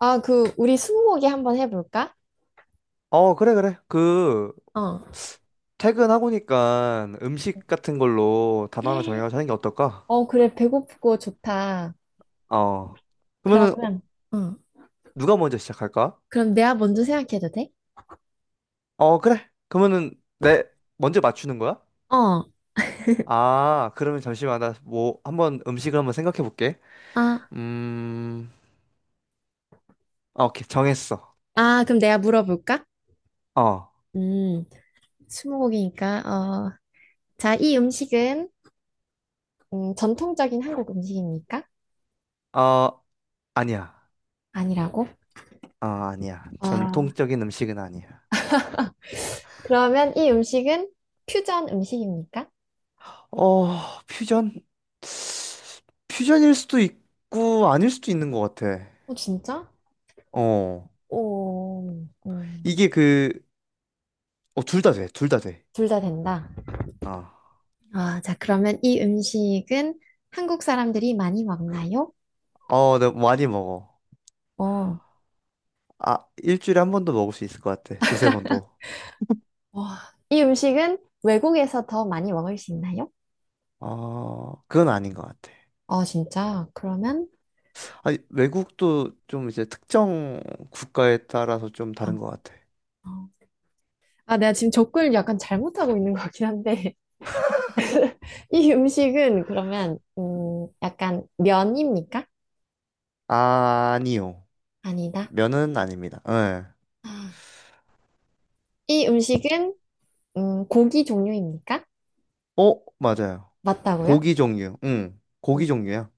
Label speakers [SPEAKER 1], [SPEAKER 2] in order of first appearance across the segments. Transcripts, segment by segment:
[SPEAKER 1] 아, 그, 우리 스무고개 한번 해볼까?
[SPEAKER 2] 어, 그래, 그래.
[SPEAKER 1] 어,
[SPEAKER 2] 퇴근하고 니까 음식 같은 걸로 단어 하나 정해가지고 하는 게 어떨까?
[SPEAKER 1] 그래, 배고프고 좋다.
[SPEAKER 2] 어. 그러면은, 어,
[SPEAKER 1] 그러면, 어.
[SPEAKER 2] 누가 먼저 시작할까?
[SPEAKER 1] 그럼 내가 먼저 생각해도 돼?
[SPEAKER 2] 어, 그래. 내, 먼저 맞추는 거야?
[SPEAKER 1] 어,
[SPEAKER 2] 아, 그러면 잠시만. 한번 음식을 한번 생각해 볼게.
[SPEAKER 1] 아,
[SPEAKER 2] 음, 아, 오케이. 정했어.
[SPEAKER 1] 그럼 내가 물어볼까?
[SPEAKER 2] 어,
[SPEAKER 1] 음, 스무고개니까, 어, 자, 이 음식은, 전통적인 한국 음식입니까?
[SPEAKER 2] 어, 아니야.
[SPEAKER 1] 아니라고?
[SPEAKER 2] 아, 아니야.
[SPEAKER 1] 아,
[SPEAKER 2] 전통적인 음식은 아니야.
[SPEAKER 1] 그러면 이 음식은 퓨전 음식입니까?
[SPEAKER 2] 어, 퓨전? 퓨전일 수도 있고, 아닐 수도 있는 것 같아.
[SPEAKER 1] 어, 진짜?
[SPEAKER 2] 어.
[SPEAKER 1] 오,
[SPEAKER 2] 이게 그, 둘 다 돼.
[SPEAKER 1] 둘 다 된다.
[SPEAKER 2] 어.
[SPEAKER 1] 아, 자, 그러면 이 음식은 한국 사람들이 많이 먹나요?
[SPEAKER 2] 어, 내가 많이 먹어.
[SPEAKER 1] 어,
[SPEAKER 2] 아, 일주일에 한 번도 먹을 수 있을 것 같아. 두세 번도.
[SPEAKER 1] 와, 이 음식은 외국에서 더 많이 먹을 수 있나요?
[SPEAKER 2] 어, 그건 아닌 것 같아.
[SPEAKER 1] 아, 진짜? 그러면,
[SPEAKER 2] 아니, 외국도 좀 이제 특정 국가에 따라서 좀
[SPEAKER 1] 어,
[SPEAKER 2] 다른 것 같아.
[SPEAKER 1] 어. 아, 내가 지금 접근을 약간 잘못하고 있는 거긴 한데, 이 음식은 그러면, 약간 면입니까?
[SPEAKER 2] 아니요.
[SPEAKER 1] 아니다.
[SPEAKER 2] 면은 아닙니다. 예.
[SPEAKER 1] 아, 이 음식은, 고기 종류입니까?
[SPEAKER 2] 어, 맞아요.
[SPEAKER 1] 맞다고요?
[SPEAKER 2] 고기 종류. 응. 고기 종류야.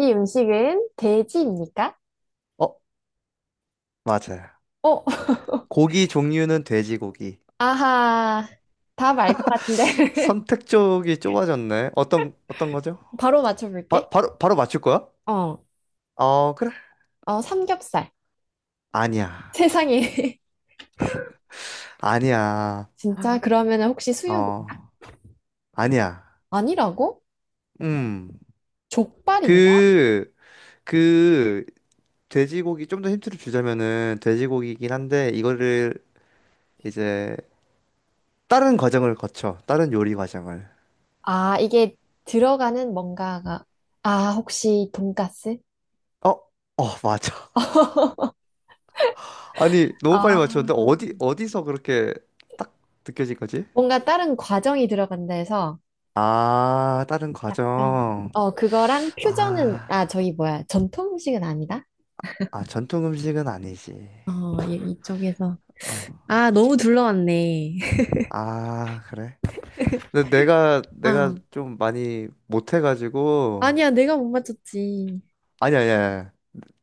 [SPEAKER 1] 이 음식은 돼지입니까?
[SPEAKER 2] 어, 맞아요.
[SPEAKER 1] 어,
[SPEAKER 2] 고기 종류는 돼지고기.
[SPEAKER 1] 아하, 답알것 같은데.
[SPEAKER 2] 선택 쪽이 좁아졌네. 어떤 거죠?
[SPEAKER 1] 바로 맞춰볼게.
[SPEAKER 2] 바로 맞출 거야?
[SPEAKER 1] 어,
[SPEAKER 2] 어, 그래.
[SPEAKER 1] 삼겹살.
[SPEAKER 2] 아니야.
[SPEAKER 1] 세상에.
[SPEAKER 2] 아니야.
[SPEAKER 1] 진짜? 그러면 혹시 수육이
[SPEAKER 2] 어, 아니야.
[SPEAKER 1] 아니라고?
[SPEAKER 2] 음.
[SPEAKER 1] 족발인가?
[SPEAKER 2] 그, 그, 돼지고기, 좀 더 힌트를 주자면은, 돼지고기이긴 한데, 이제, 다른 과정을 거쳐. 다른 요리 과정을.
[SPEAKER 1] 아, 이게 들어가는 뭔가가. 아, 혹시 돈가스?
[SPEAKER 2] 어, 어, 맞아. 아니, 너무
[SPEAKER 1] 아,
[SPEAKER 2] 빨리 맞췄는데, 어디서 그렇게 딱 느껴진 거지?
[SPEAKER 1] 뭔가 다른 과정이 들어간다 해서
[SPEAKER 2] 아, 다른
[SPEAKER 1] 약간,
[SPEAKER 2] 과정.
[SPEAKER 1] 어, 그거랑 퓨전은,
[SPEAKER 2] 아,
[SPEAKER 1] 아, 저기 뭐야. 전통 음식은 아니다?
[SPEAKER 2] 아, 전통 음식은 아니지.
[SPEAKER 1] 어, 이- 이쪽에서.
[SPEAKER 2] 어,
[SPEAKER 1] 아, 너무 둘러왔네.
[SPEAKER 2] 아, 그래. 근데 내가
[SPEAKER 1] 아,
[SPEAKER 2] 좀 많이 못해가지고
[SPEAKER 1] 아니야, 내가 못 맞췄지.
[SPEAKER 2] 아니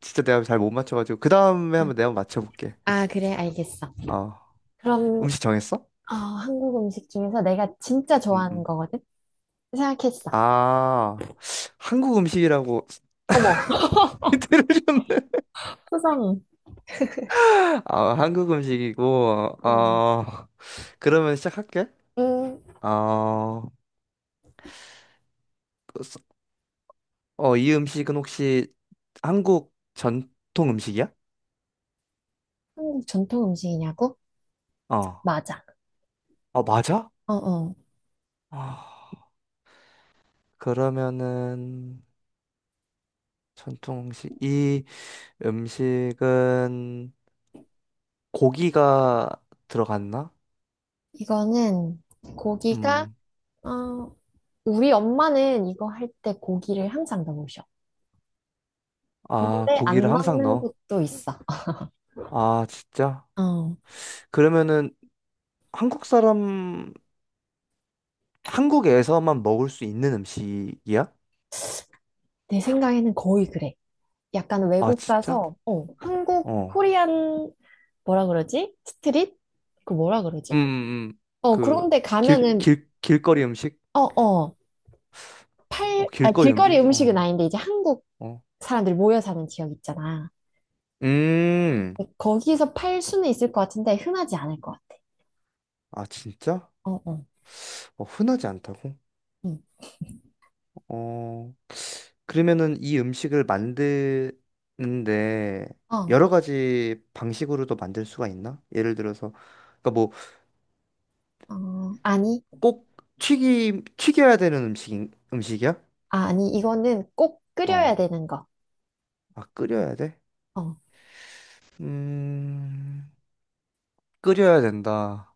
[SPEAKER 2] 진짜 내가 잘 못 맞춰가지고 그 다음에
[SPEAKER 1] 아,
[SPEAKER 2] 한번 내가 맞춰볼게.
[SPEAKER 1] 그래, 알겠어.
[SPEAKER 2] 어.
[SPEAKER 1] 그럼
[SPEAKER 2] 음식 정했어?
[SPEAKER 1] 어, 한국 음식 중에서 내가 진짜 좋아하는
[SPEAKER 2] 음음.
[SPEAKER 1] 거거든? 생각했어.
[SPEAKER 2] 아, 한국 음식이라고.
[SPEAKER 1] 어머,
[SPEAKER 2] 힌트를 줬네.
[SPEAKER 1] 세상에.
[SPEAKER 2] 아, 한국 음식이고.
[SPEAKER 1] 음,
[SPEAKER 2] 어. 그러면 시작할게.
[SPEAKER 1] 음,
[SPEAKER 2] 어 어 이 음식은 혹시 한국 전통 음식이야?
[SPEAKER 1] 한국 전통 음식이냐고?
[SPEAKER 2] 어.
[SPEAKER 1] 맞아.
[SPEAKER 2] 아, 맞아?
[SPEAKER 1] 어, 어.
[SPEAKER 2] 아, 그러면은 전통 음식 이 음식은 고기가 들어갔나?
[SPEAKER 1] 이거는 고기가,
[SPEAKER 2] 음.
[SPEAKER 1] 어, 우리 엄마는 이거 할 때 고기를 항상 넣으셔.
[SPEAKER 2] 아,
[SPEAKER 1] 근데 안
[SPEAKER 2] 고기를 항상
[SPEAKER 1] 넣는
[SPEAKER 2] 넣어.
[SPEAKER 1] 곳도 있어.
[SPEAKER 2] 아, 진짜?
[SPEAKER 1] 어,
[SPEAKER 2] 그러면은 한국 사람, 한국에서만 먹을 수 있는 음식이야?
[SPEAKER 1] 내 생각에는 거의 그래. 약간
[SPEAKER 2] 아,
[SPEAKER 1] 외국
[SPEAKER 2] 진짜?
[SPEAKER 1] 가서, 어, 한국,
[SPEAKER 2] 어.
[SPEAKER 1] 코리안, 뭐라 그러지? 스트릿? 그 뭐라 그러지?
[SPEAKER 2] 음.
[SPEAKER 1] 어,
[SPEAKER 2] 그,
[SPEAKER 1] 그런데 가면은,
[SPEAKER 2] 길거리 음식?
[SPEAKER 1] 어, 어.
[SPEAKER 2] 어,
[SPEAKER 1] 팔, 아,
[SPEAKER 2] 길거리
[SPEAKER 1] 길거리
[SPEAKER 2] 음식? 어,
[SPEAKER 1] 음식은 아닌데 이제 한국
[SPEAKER 2] 어.
[SPEAKER 1] 사람들이 모여 사는 지역 있잖아.
[SPEAKER 2] 음.
[SPEAKER 1] 거기서 팔 수는 있을 것 같은데 흔하지 않을 것 같아.
[SPEAKER 2] 아, 진짜?
[SPEAKER 1] 어, 어,
[SPEAKER 2] 어, 흔하지 않다고?
[SPEAKER 1] 응.
[SPEAKER 2] 어. 그러면은 이 음식을 만드는데
[SPEAKER 1] 어,
[SPEAKER 2] 여러 가지 방식으로도 만들 수가 있나? 예를 들어서 그러니까 뭐
[SPEAKER 1] 어, 아니,
[SPEAKER 2] 꼭 튀김 튀겨야 되는 음식 음식이야?
[SPEAKER 1] 아니, 이거는 꼭 끓여야
[SPEAKER 2] 어.
[SPEAKER 1] 되는 거.
[SPEAKER 2] 아, 끓여야 돼?
[SPEAKER 1] 어,
[SPEAKER 2] 음. 끓여야 된다.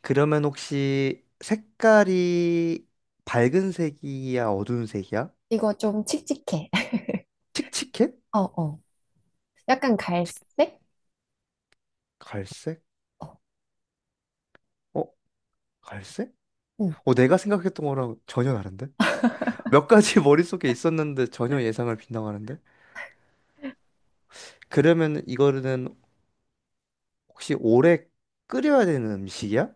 [SPEAKER 2] 그러면 혹시 색깔이 밝은 색이야, 어두운 색이야?
[SPEAKER 1] 이거 좀 칙칙해.
[SPEAKER 2] 칙칙해?
[SPEAKER 1] 어, 어, 약간 갈색?
[SPEAKER 2] 갈색?
[SPEAKER 1] 어,
[SPEAKER 2] 어, 갈색?
[SPEAKER 1] 응.
[SPEAKER 2] 어, 내가 생각했던 거랑 전혀 다른데? 몇 가지 머릿속에 있었는데 전혀 예상을 빗나가는데? 그러면 이거는 혹시 오래 끓여야 되는 음식이야?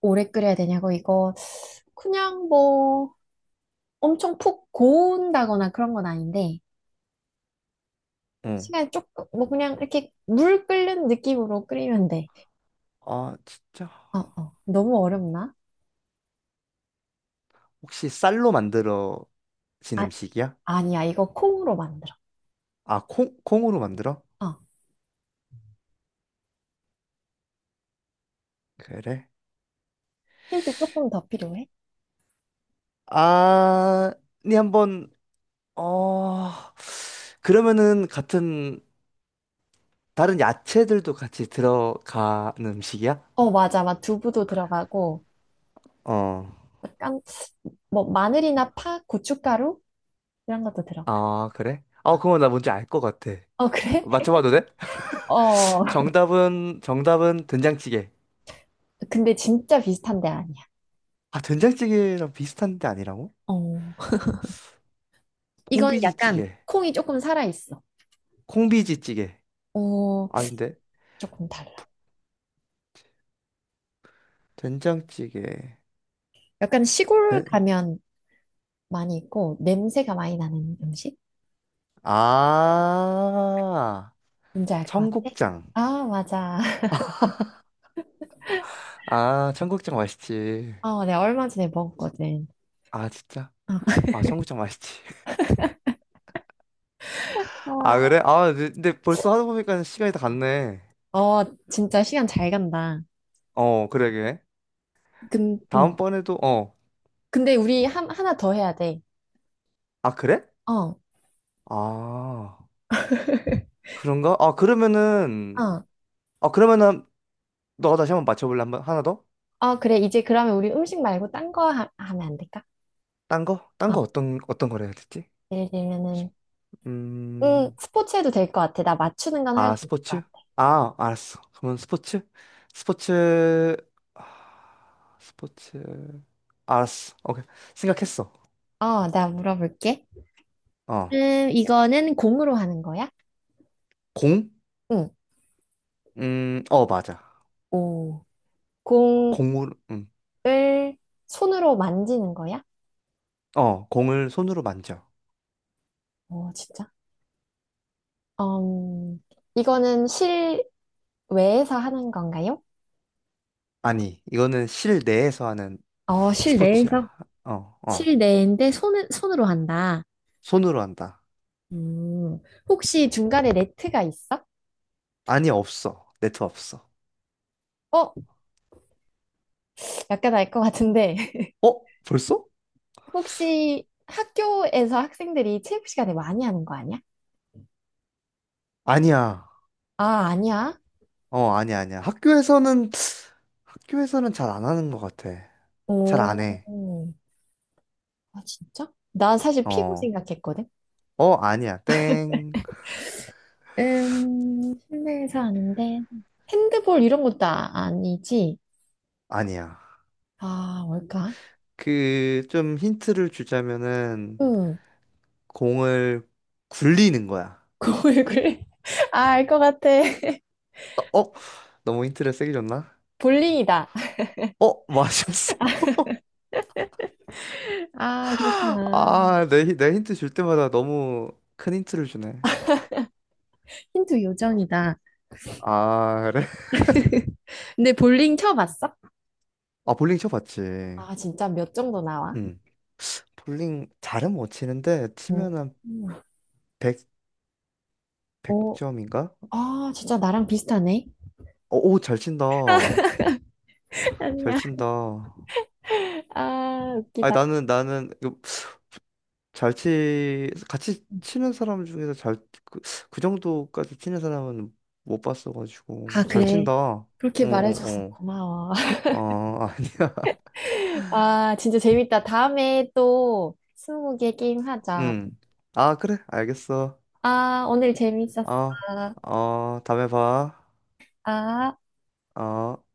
[SPEAKER 1] 오래 끓여야 되냐고 이거 그냥 뭐 엄청 푹 고운다거나 그런 건 아닌데
[SPEAKER 2] 응.
[SPEAKER 1] 시간이 조금 뭐 그냥 이렇게 물 끓는 느낌으로 끓이면 돼.
[SPEAKER 2] 아, 진짜.
[SPEAKER 1] 너무 어렵나?
[SPEAKER 2] 혹시 쌀로 만들어진
[SPEAKER 1] 아,
[SPEAKER 2] 음식이야?
[SPEAKER 1] 아니야, 이거 콩으로 만들어.
[SPEAKER 2] 아, 콩, 콩으로 만들어?
[SPEAKER 1] 어,
[SPEAKER 2] 그래.
[SPEAKER 1] 힌트 조금 더 필요해?
[SPEAKER 2] 아, 니 한번, 어, 그러면은 같은, 다른 야채들도 같이 들어가는 음식이야?
[SPEAKER 1] 어, 맞아, 막 두부도 들어가고,
[SPEAKER 2] 어.
[SPEAKER 1] 약간, 뭐, 마늘이나 파, 고춧가루? 이런 것도 들어가.
[SPEAKER 2] 아, 그래? 어, 그거 나 뭔지 알 것 같아.
[SPEAKER 1] 어, 그래?
[SPEAKER 2] 맞춰봐도 돼?
[SPEAKER 1] 어,
[SPEAKER 2] 정답은 된장찌개.
[SPEAKER 1] 근데 진짜 비슷한 데 아니야.
[SPEAKER 2] 아, 된장찌개랑 비슷한데 아니라고?
[SPEAKER 1] 어, 이거는 약간
[SPEAKER 2] 콩비지찌개.
[SPEAKER 1] 콩이 조금 살아있어.
[SPEAKER 2] 콩비지찌개.
[SPEAKER 1] 어,
[SPEAKER 2] 아닌데?
[SPEAKER 1] 조금 달라.
[SPEAKER 2] 된장찌개.
[SPEAKER 1] 약간 시골
[SPEAKER 2] 된...
[SPEAKER 1] 가면 많이 있고, 냄새가 많이 나는 음식?
[SPEAKER 2] 아,
[SPEAKER 1] 뭔지 알 것 같아?
[SPEAKER 2] 청국장.
[SPEAKER 1] 아, 맞아.
[SPEAKER 2] 아, 청국장 맛있지.
[SPEAKER 1] 어, 내가 얼마 전에 먹었거든.
[SPEAKER 2] 아, 진짜? 아, 청국장 맛있지. 아,
[SPEAKER 1] 어,
[SPEAKER 2] 그래? 아, 근데 벌써 하다 보니까 시간이 다 갔네.
[SPEAKER 1] 어, 진짜 시간 잘 간다.
[SPEAKER 2] 어, 그러게.
[SPEAKER 1] 근,
[SPEAKER 2] 다음번에도, 어.
[SPEAKER 1] 근데 우리 하나 더 해야 돼.
[SPEAKER 2] 아, 그래?
[SPEAKER 1] 어,
[SPEAKER 2] 아, 그런가?
[SPEAKER 1] 어.
[SPEAKER 2] 아, 그러면은, 너가 다시 한번 맞춰볼래? 한번, 하나 더?
[SPEAKER 1] 그래. 이제 그러면 우리 음식 말고 딴 거 하면 안 될까?
[SPEAKER 2] 딴 거? 딴
[SPEAKER 1] 어.
[SPEAKER 2] 거 어떤, 어떤 거를 해야 되지?
[SPEAKER 1] 예를 들면은,
[SPEAKER 2] 음.
[SPEAKER 1] 스포츠 해도 될 것 같아. 나 맞추는 건 할
[SPEAKER 2] 아,
[SPEAKER 1] 수 있을 것
[SPEAKER 2] 스포츠?
[SPEAKER 1] 같아.
[SPEAKER 2] 아, 알았어. 그러면 스포츠? 스포츠, 스포츠. 알았어. 오케이. 생각했어.
[SPEAKER 1] 어, 나 물어볼게.
[SPEAKER 2] 어.
[SPEAKER 1] 이거는 공으로 하는 거야?
[SPEAKER 2] 공?
[SPEAKER 1] 응.
[SPEAKER 2] 어, 맞아.
[SPEAKER 1] 오. 공을
[SPEAKER 2] 공을, 음,
[SPEAKER 1] 손으로 만지는 거야?
[SPEAKER 2] 어, 공을 손으로 만져.
[SPEAKER 1] 어, 진짜? 음, 이거는 실외에서 하는 건가요?
[SPEAKER 2] 아니, 이거는 실내에서 하는
[SPEAKER 1] 어, 실내에서?
[SPEAKER 2] 스포츠야. 어, 어.
[SPEAKER 1] 실내인데 손은, 손으로 한다.
[SPEAKER 2] 손으로 한다.
[SPEAKER 1] 음, 혹시 중간에 레트가 있어?
[SPEAKER 2] 아니, 없어. 네트 없어.
[SPEAKER 1] 어, 약간 알 것 같은데.
[SPEAKER 2] 어? 벌써?
[SPEAKER 1] 혹시 학교에서 학생들이 체육 시간에 많이 하는 거 아니야?
[SPEAKER 2] 아니야.
[SPEAKER 1] 아, 아니야?
[SPEAKER 2] 어, 아니야. 학교에서는 잘 안 하는 것 같아. 잘 안
[SPEAKER 1] 오,
[SPEAKER 2] 해.
[SPEAKER 1] 아, 진짜? 난 사실 피구
[SPEAKER 2] 어.
[SPEAKER 1] 생각했거든.
[SPEAKER 2] 어, 아니야. 땡.
[SPEAKER 1] 실내에서 하는데. 핸드볼 이런 것도 아니지?
[SPEAKER 2] 아니야.
[SPEAKER 1] 아, 뭘까?
[SPEAKER 2] 좀 힌트를 주자면은,
[SPEAKER 1] 응,
[SPEAKER 2] 공을 굴리는 거야.
[SPEAKER 1] 그 왜 그래? 아, 알 것 같아.
[SPEAKER 2] 어? 어? 너무 힌트를 세게 줬나?
[SPEAKER 1] 볼링이다.
[SPEAKER 2] 어? 맞았어.
[SPEAKER 1] 아, 그렇구나.
[SPEAKER 2] 내 힌트 줄 때마다 너무 큰 힌트를 주네.
[SPEAKER 1] 힌트 요정이다.
[SPEAKER 2] 아, 그래?
[SPEAKER 1] 근데 볼링 쳐봤어?
[SPEAKER 2] 아, 볼링 쳐봤지.
[SPEAKER 1] 아, 진짜 몇 정도 나와?
[SPEAKER 2] 응. 볼링 잘은 못 치는데,
[SPEAKER 1] 음.
[SPEAKER 2] 치면 한
[SPEAKER 1] 음.
[SPEAKER 2] 백백
[SPEAKER 1] 어,
[SPEAKER 2] 100점인가?
[SPEAKER 1] 아, 진짜 나랑 비슷하네.
[SPEAKER 2] 오, 잘 친다.
[SPEAKER 1] 아니야.
[SPEAKER 2] 잘 친다.
[SPEAKER 1] 아,
[SPEAKER 2] 아니,
[SPEAKER 1] 웃기다.
[SPEAKER 2] 나는, 나는, 잘 치, 같이 치는 사람 중에서 그, 그 정도까지 치는 사람은 못
[SPEAKER 1] 아,
[SPEAKER 2] 봤어가지고. 잘
[SPEAKER 1] 그래.
[SPEAKER 2] 친다.
[SPEAKER 1] 그렇게 말해줘서
[SPEAKER 2] 어.
[SPEAKER 1] 고마워.
[SPEAKER 2] 어, 아니야.
[SPEAKER 1] 아, 진짜 재밌다. 다음에 또 스무고개 게임 하자.
[SPEAKER 2] 응. 아, 그래. 알겠어.
[SPEAKER 1] 아, 오늘 재밌었어.
[SPEAKER 2] 어, 어, 다음에 봐.
[SPEAKER 1] 아.
[SPEAKER 2] 어.